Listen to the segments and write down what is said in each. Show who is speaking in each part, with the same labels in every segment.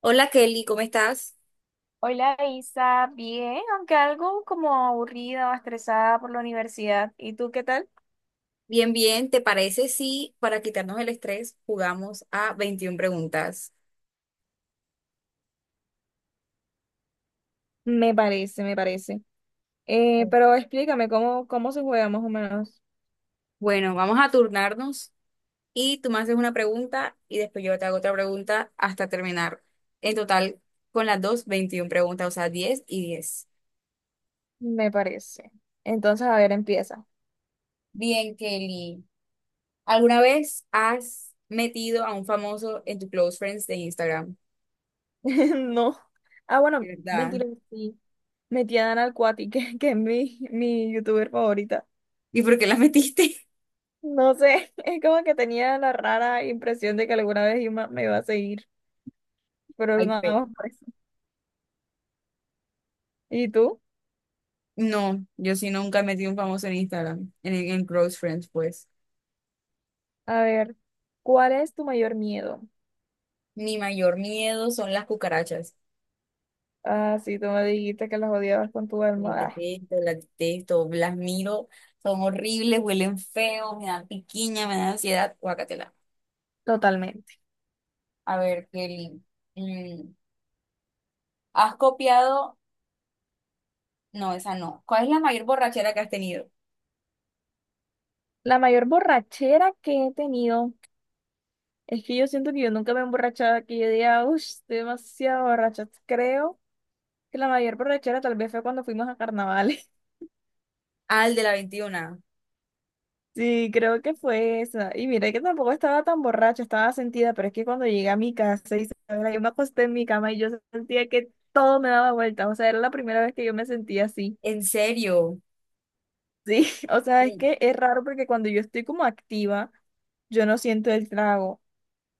Speaker 1: Hola Kelly, ¿cómo estás?
Speaker 2: Hola Isa, bien, aunque algo como aburrida o estresada por la universidad. ¿Y tú qué tal?
Speaker 1: Bien, bien. ¿Te parece si para quitarnos el estrés jugamos a 21 preguntas?
Speaker 2: Me parece, me parece. Pero explícame cómo se juega más o menos.
Speaker 1: Bueno, vamos a turnarnos y tú me haces una pregunta y después yo te hago otra pregunta hasta terminar. En total, con las dos, 21 preguntas, o sea, diez y 10.
Speaker 2: Me parece. Entonces, a ver, empieza.
Speaker 1: Bien, Kelly. ¿Alguna vez has metido a un famoso en tu close friends de Instagram?
Speaker 2: No. Ah,
Speaker 1: ¿De
Speaker 2: bueno,
Speaker 1: ¿Verdad?
Speaker 2: mentira, sí. Metí a Dana al Cuati, que es mi youtuber favorita.
Speaker 1: ¿Y por qué la metiste?
Speaker 2: No sé, es como que tenía la rara impresión de que alguna vez Ima me iba a seguir, pero
Speaker 1: Ay,
Speaker 2: nada más por eso. ¿Y tú?
Speaker 1: no, yo sí nunca metí un famoso en Instagram, en Close Friends, pues.
Speaker 2: A ver, ¿cuál es tu mayor miedo?
Speaker 1: Mi mayor miedo son las cucarachas.
Speaker 2: Ah, sí, tú me dijiste que las odiabas con tu alma.
Speaker 1: Las
Speaker 2: Ah.
Speaker 1: detesto, las detesto, las miro, son horribles, huelen feo, me dan piquiña, me dan ansiedad. Guácatela.
Speaker 2: Totalmente.
Speaker 1: A ver, Kelly, mm, ¿has copiado? No, esa no. ¿Cuál es la mayor borrachera que has tenido?
Speaker 2: La mayor borrachera que he tenido es que yo siento que yo nunca me he emborrachado, que yo diga, uff, demasiado borracha. Creo que la mayor borrachera tal vez fue cuando fuimos a carnavales.
Speaker 1: Ah, el de la veintiuna.
Speaker 2: Sí, creo que fue esa. Y mira que tampoco estaba tan borracha, estaba sentida, pero es que cuando llegué a mi casa, y yo me acosté en mi cama y yo sentía que todo me daba vuelta. O sea, era la primera vez que yo me sentía así.
Speaker 1: ¿En serio?
Speaker 2: Sí, o sea, es
Speaker 1: Mm.
Speaker 2: que es raro porque cuando yo estoy como activa, yo no siento el trago,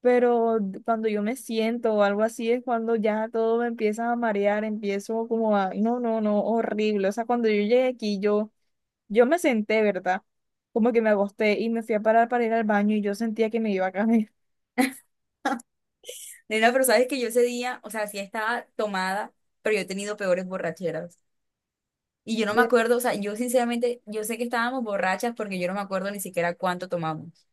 Speaker 2: pero cuando yo me siento o algo así es cuando ya todo me empieza a marear, empiezo como a, no, no, no, horrible. O sea, cuando yo llegué aquí, yo, me senté, ¿verdad? Como que me acosté y me fui a parar para ir al baño y yo sentía que me iba a caer.
Speaker 1: Nena, pero sabes que yo ese día, o sea, sí estaba tomada, pero yo he tenido peores borracheras. Y yo no me
Speaker 2: De-
Speaker 1: acuerdo, o sea, yo sinceramente, yo sé que estábamos borrachas porque yo no me acuerdo ni siquiera cuánto tomamos.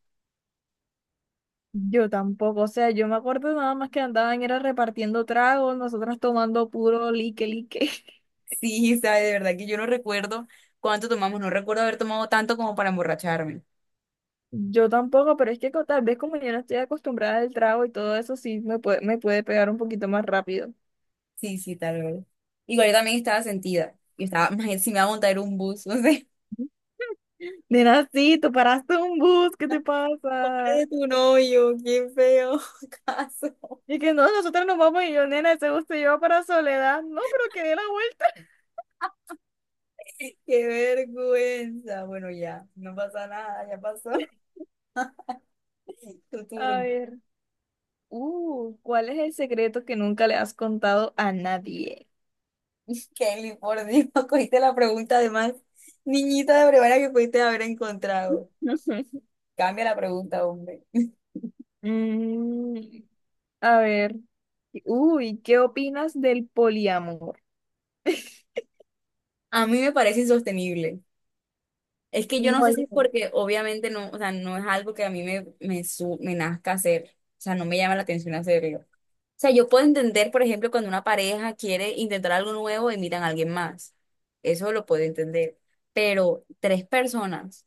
Speaker 2: Yo tampoco, o sea, yo me acuerdo nada más que andaban era repartiendo tragos, nosotras tomando puro lique, lique.
Speaker 1: Sí, sabe, de verdad que yo no recuerdo cuánto tomamos, no recuerdo haber tomado tanto como para emborracharme.
Speaker 2: Yo tampoco, pero es que tal vez como yo no estoy acostumbrada al trago y todo eso, sí me puede pegar un poquito más rápido.
Speaker 1: Sí, sí, tal vez. Igual yo también estaba sentida. Yo estaba, "Maje, si me va a montar un bus", no sé.
Speaker 2: Nena, sí, tú paraste un bus, ¿qué te
Speaker 1: Pobre
Speaker 2: pasa?
Speaker 1: de tu novio, qué feo caso.
Speaker 2: Y que no, nosotros nos vamos y yo, nena, ese bus te lleva para Soledad. No, pero que dé la vuelta.
Speaker 1: Qué vergüenza. Bueno, ya, no pasa nada, ya pasó. Tu
Speaker 2: A
Speaker 1: turno.
Speaker 2: ver, ¿cuál es el secreto que nunca le has contado a nadie?
Speaker 1: Kelly, por Dios, cogiste la pregunta además. Niñita de brevaria que pudiste haber encontrado. Cambia la pregunta, hombre.
Speaker 2: Mm, a ver, uy, ¿qué opinas del poliamor?
Speaker 1: A mí me parece insostenible. Es que yo
Speaker 2: No,
Speaker 1: no sé si es porque obviamente no, o sea, no es algo que a mí me nazca hacer. O sea, no me llama la atención hacerlo. O sea, yo puedo entender, por ejemplo, cuando una pareja quiere intentar algo nuevo y miran a alguien más. Eso lo puedo entender. Pero tres personas.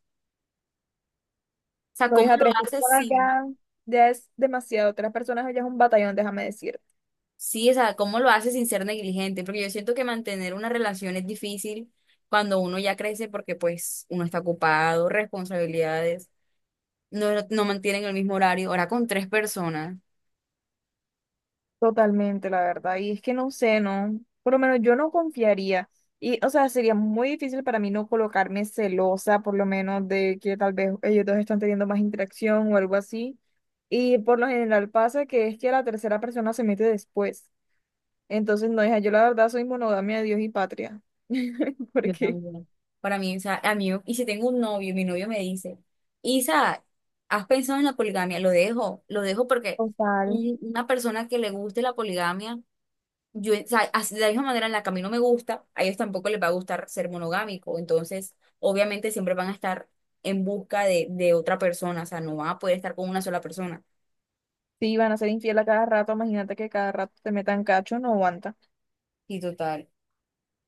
Speaker 1: O sea,
Speaker 2: lo
Speaker 1: ¿cómo
Speaker 2: dije a
Speaker 1: lo
Speaker 2: tres
Speaker 1: haces
Speaker 2: personas
Speaker 1: si?
Speaker 2: ya, ya es demasiado. Tres personas ya es un batallón, déjame decir.
Speaker 1: Sí, o sea, ¿cómo lo hace sin ser negligente? Porque yo siento que mantener una relación es difícil cuando uno ya crece porque pues uno está ocupado, responsabilidades, no mantienen el mismo horario, ahora con tres personas.
Speaker 2: Totalmente, la verdad. Y es que no sé, no. Por lo menos yo no confiaría. Y, o sea, sería muy difícil para mí no colocarme celosa, por lo menos de que tal vez ellos dos están teniendo más interacción o algo así. Y por lo general pasa que es que la tercera persona se mete después. Entonces, no, hija, yo la verdad soy monogamia de Dios y patria.
Speaker 1: Yo
Speaker 2: Porque,
Speaker 1: también. Para mí, o sea, a mí, y si tengo un novio, mi novio me dice, Isa, ¿has pensado en la poligamia? Lo dejo porque
Speaker 2: total.
Speaker 1: una persona que le guste la poligamia. Yo, o sea, así- de la misma manera en la que a mí no me gusta, a ellos tampoco les va a gustar ser monogámico. Entonces, obviamente siempre van a estar en busca de otra persona, o sea, no van a poder estar con una sola persona.
Speaker 2: Si van a ser infiel a cada rato, imagínate que cada rato te metan cacho, no aguanta.
Speaker 1: Y total.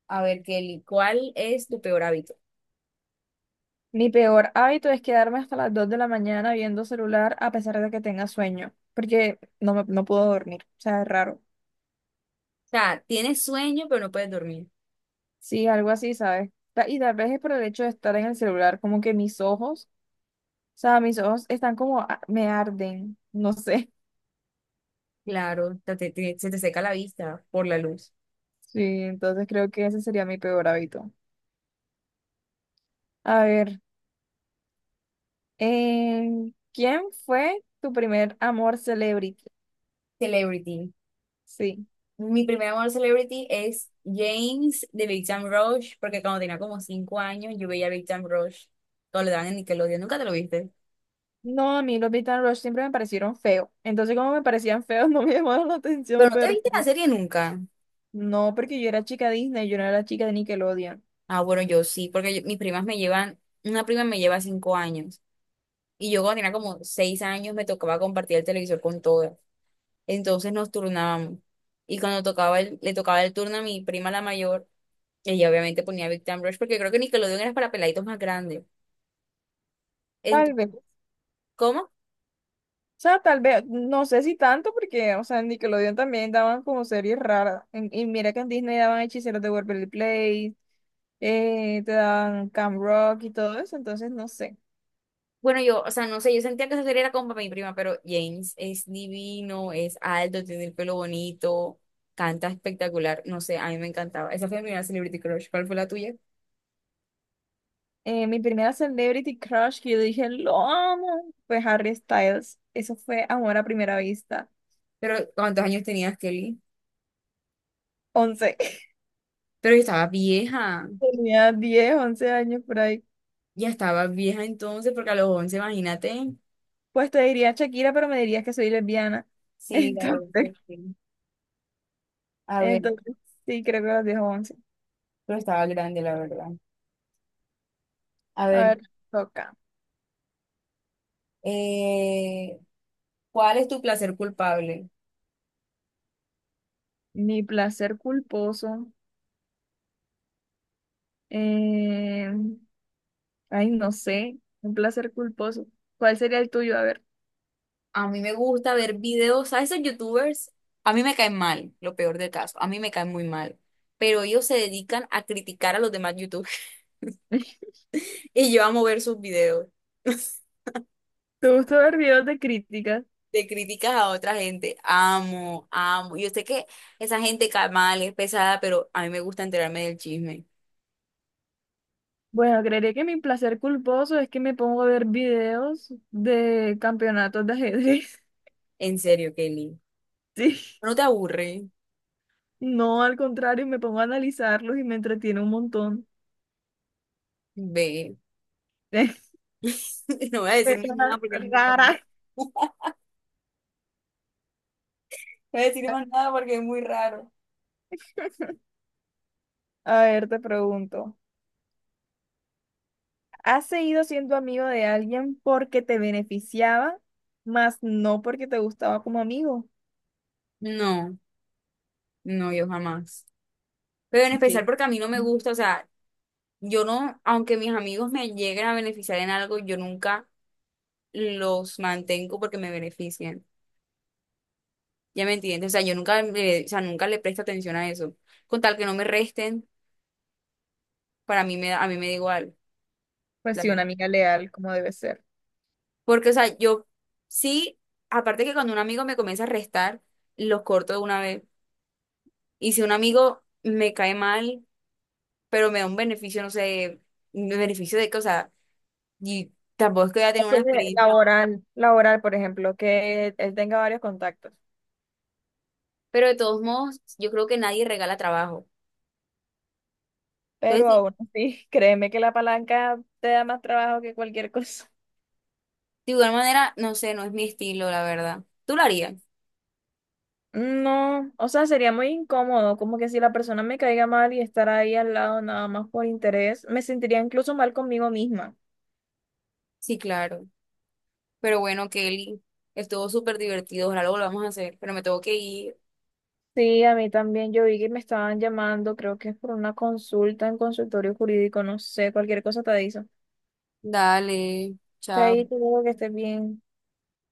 Speaker 1: A ver, Kelly, ¿cuál es tu peor hábito?
Speaker 2: Mi peor hábito es quedarme hasta las 2 de la mañana viendo celular a pesar de que tenga sueño, porque no, no puedo dormir, o sea, es raro.
Speaker 1: O sea, tienes sueño, pero no puedes dormir.
Speaker 2: Sí, algo así, ¿sabes? Y tal vez es por el hecho de estar en el celular, como que o sea, mis ojos están como, me arden, no sé.
Speaker 1: Claro, se te seca la vista por la luz.
Speaker 2: Sí, entonces creo que ese sería mi peor hábito. A ver, eh, ¿quién fue tu primer amor celebrity?
Speaker 1: ¿Celebrity?
Speaker 2: Sí.
Speaker 1: Mi primer amor celebrity es James de Big Time Rush, porque cuando tenía como cinco años yo veía Big Time Rush, cuando le daban en Nickelodeon. ¿Nunca te lo viste?
Speaker 2: No, a mí los Beat and Rush siempre me parecieron feos. Entonces, como me parecían feos, no me llamaron la
Speaker 1: Pero
Speaker 2: atención
Speaker 1: no te
Speaker 2: ver.
Speaker 1: viste la serie nunca.
Speaker 2: No, porque yo era chica Disney, yo no era chica de Nickelodeon.
Speaker 1: Ah, bueno, yo sí, porque yo- mis primas me llevan, una prima me lleva cinco años. Y yo cuando tenía como seis años me tocaba compartir el televisor con todas. Entonces nos turnábamos. Y cuando tocaba le tocaba el turno a mi prima la mayor, ella obviamente ponía Big Time Rush, porque creo que Nickelodeon era para peladitos más grandes. Ent-
Speaker 2: Tal vez. O
Speaker 1: ¿cómo?
Speaker 2: sea, tal vez, no sé si tanto, porque, o sea, en Nickelodeon también daban como series raras. Y mira que en Disney daban Hechiceros de Waverly Place, te daban Camp Rock y todo eso, entonces no sé.
Speaker 1: Bueno, yo, o sea, no sé, yo sentía que esa serie era como para mi prima, pero James es divino, es alto, tiene el pelo bonito, canta espectacular. No sé, a mí me encantaba. Esa fue mi primera Celebrity Crush. ¿Cuál fue la tuya?
Speaker 2: Mi primera celebrity crush que yo dije, lo amo, fue Harry Styles. Eso fue amor a primera vista.
Speaker 1: Pero, ¿cuántos años tenías, Kelly?
Speaker 2: Once.
Speaker 1: Pero yo estaba vieja,
Speaker 2: Tenía 10 11 años por ahí.
Speaker 1: ya estaba vieja entonces, porque a los 11 imagínate.
Speaker 2: Pues te diría Shakira, pero me dirías que soy lesbiana.
Speaker 1: Sí, la verdad, que
Speaker 2: Entonces,
Speaker 1: sí. A ver,
Speaker 2: entonces sí, creo que los 10 o 11.
Speaker 1: pero estaba grande, la verdad. A
Speaker 2: A
Speaker 1: ver,
Speaker 2: ver, toca.
Speaker 1: eh, ¿cuál es tu placer culpable?
Speaker 2: Mi placer culposo. eh, ay, no sé. Un placer culposo. ¿Cuál sería el tuyo? A ver.
Speaker 1: A mí me gusta ver videos, ¿sabes esos youtubers? A mí me caen mal, lo peor del caso, a mí me caen muy mal, pero ellos se dedican a criticar a los demás youtubers y yo amo ver sus videos.
Speaker 2: ¿Te gusta ver videos de críticas?
Speaker 1: De críticas a otra gente. Amo, amo. Yo sé que esa gente ca- mal es pesada, pero a mí me gusta enterarme del chisme.
Speaker 2: Bueno, creería que mi placer culposo es que me pongo a ver videos de campeonatos de ajedrez.
Speaker 1: En serio, Kelly.
Speaker 2: Sí.
Speaker 1: ¿No te aburre?
Speaker 2: No, al contrario, me pongo a analizarlos y me entretiene un montón.
Speaker 1: Ve. No voy a decir más nada
Speaker 2: Persona
Speaker 1: porque es muy
Speaker 2: rara.
Speaker 1: raro. No voy a decir más nada porque es muy raro.
Speaker 2: A ver, te pregunto, ¿has seguido siendo amigo de alguien porque te beneficiaba, más no porque te gustaba como amigo?
Speaker 1: No, no, yo jamás. Pero en
Speaker 2: Ok,
Speaker 1: especial porque a mí no me gusta, o sea, yo no, aunque mis amigos me lleguen a beneficiar en algo, yo nunca los mantengo porque me benefician. Ya me entiendes, o sea, yo nunca, le- o sea, nunca le presto atención a eso. Con tal que no me resten, para mí me da, a mí me da igual,
Speaker 2: pues
Speaker 1: la
Speaker 2: sí, una
Speaker 1: verdad.
Speaker 2: amiga leal, como debe ser.
Speaker 1: Porque, o sea, yo sí, aparte que cuando un amigo me comienza a restar, los corto de una vez. Y si un amigo me cae mal, pero me da un beneficio, no sé, un beneficio de que, o sea, y tampoco es que voy a
Speaker 2: Ya
Speaker 1: tener una
Speaker 2: tiene
Speaker 1: experiencia.
Speaker 2: Laboral, laboral, por ejemplo, que él tenga varios contactos,
Speaker 1: Pero de todos modos, yo creo que nadie regala trabajo. Entonces,
Speaker 2: pero
Speaker 1: sí,
Speaker 2: aún así, créeme que la palanca te da más trabajo que cualquier cosa.
Speaker 1: de igual manera, no sé, no es mi estilo, la verdad. ¿Tú lo harías?
Speaker 2: No, o sea, sería muy incómodo, como que si la persona me caiga mal y estar ahí al lado nada más por interés, me sentiría incluso mal conmigo misma.
Speaker 1: Sí, claro. Pero bueno, Kelly, estuvo súper divertido, ojalá lo volvamos a hacer, pero me tengo que ir.
Speaker 2: Sí, a mí también, yo vi que me estaban llamando, creo que es por una consulta en consultorio jurídico, no sé, cualquier cosa te aviso.
Speaker 1: Dale, chao.
Speaker 2: Chaito, que estés bien.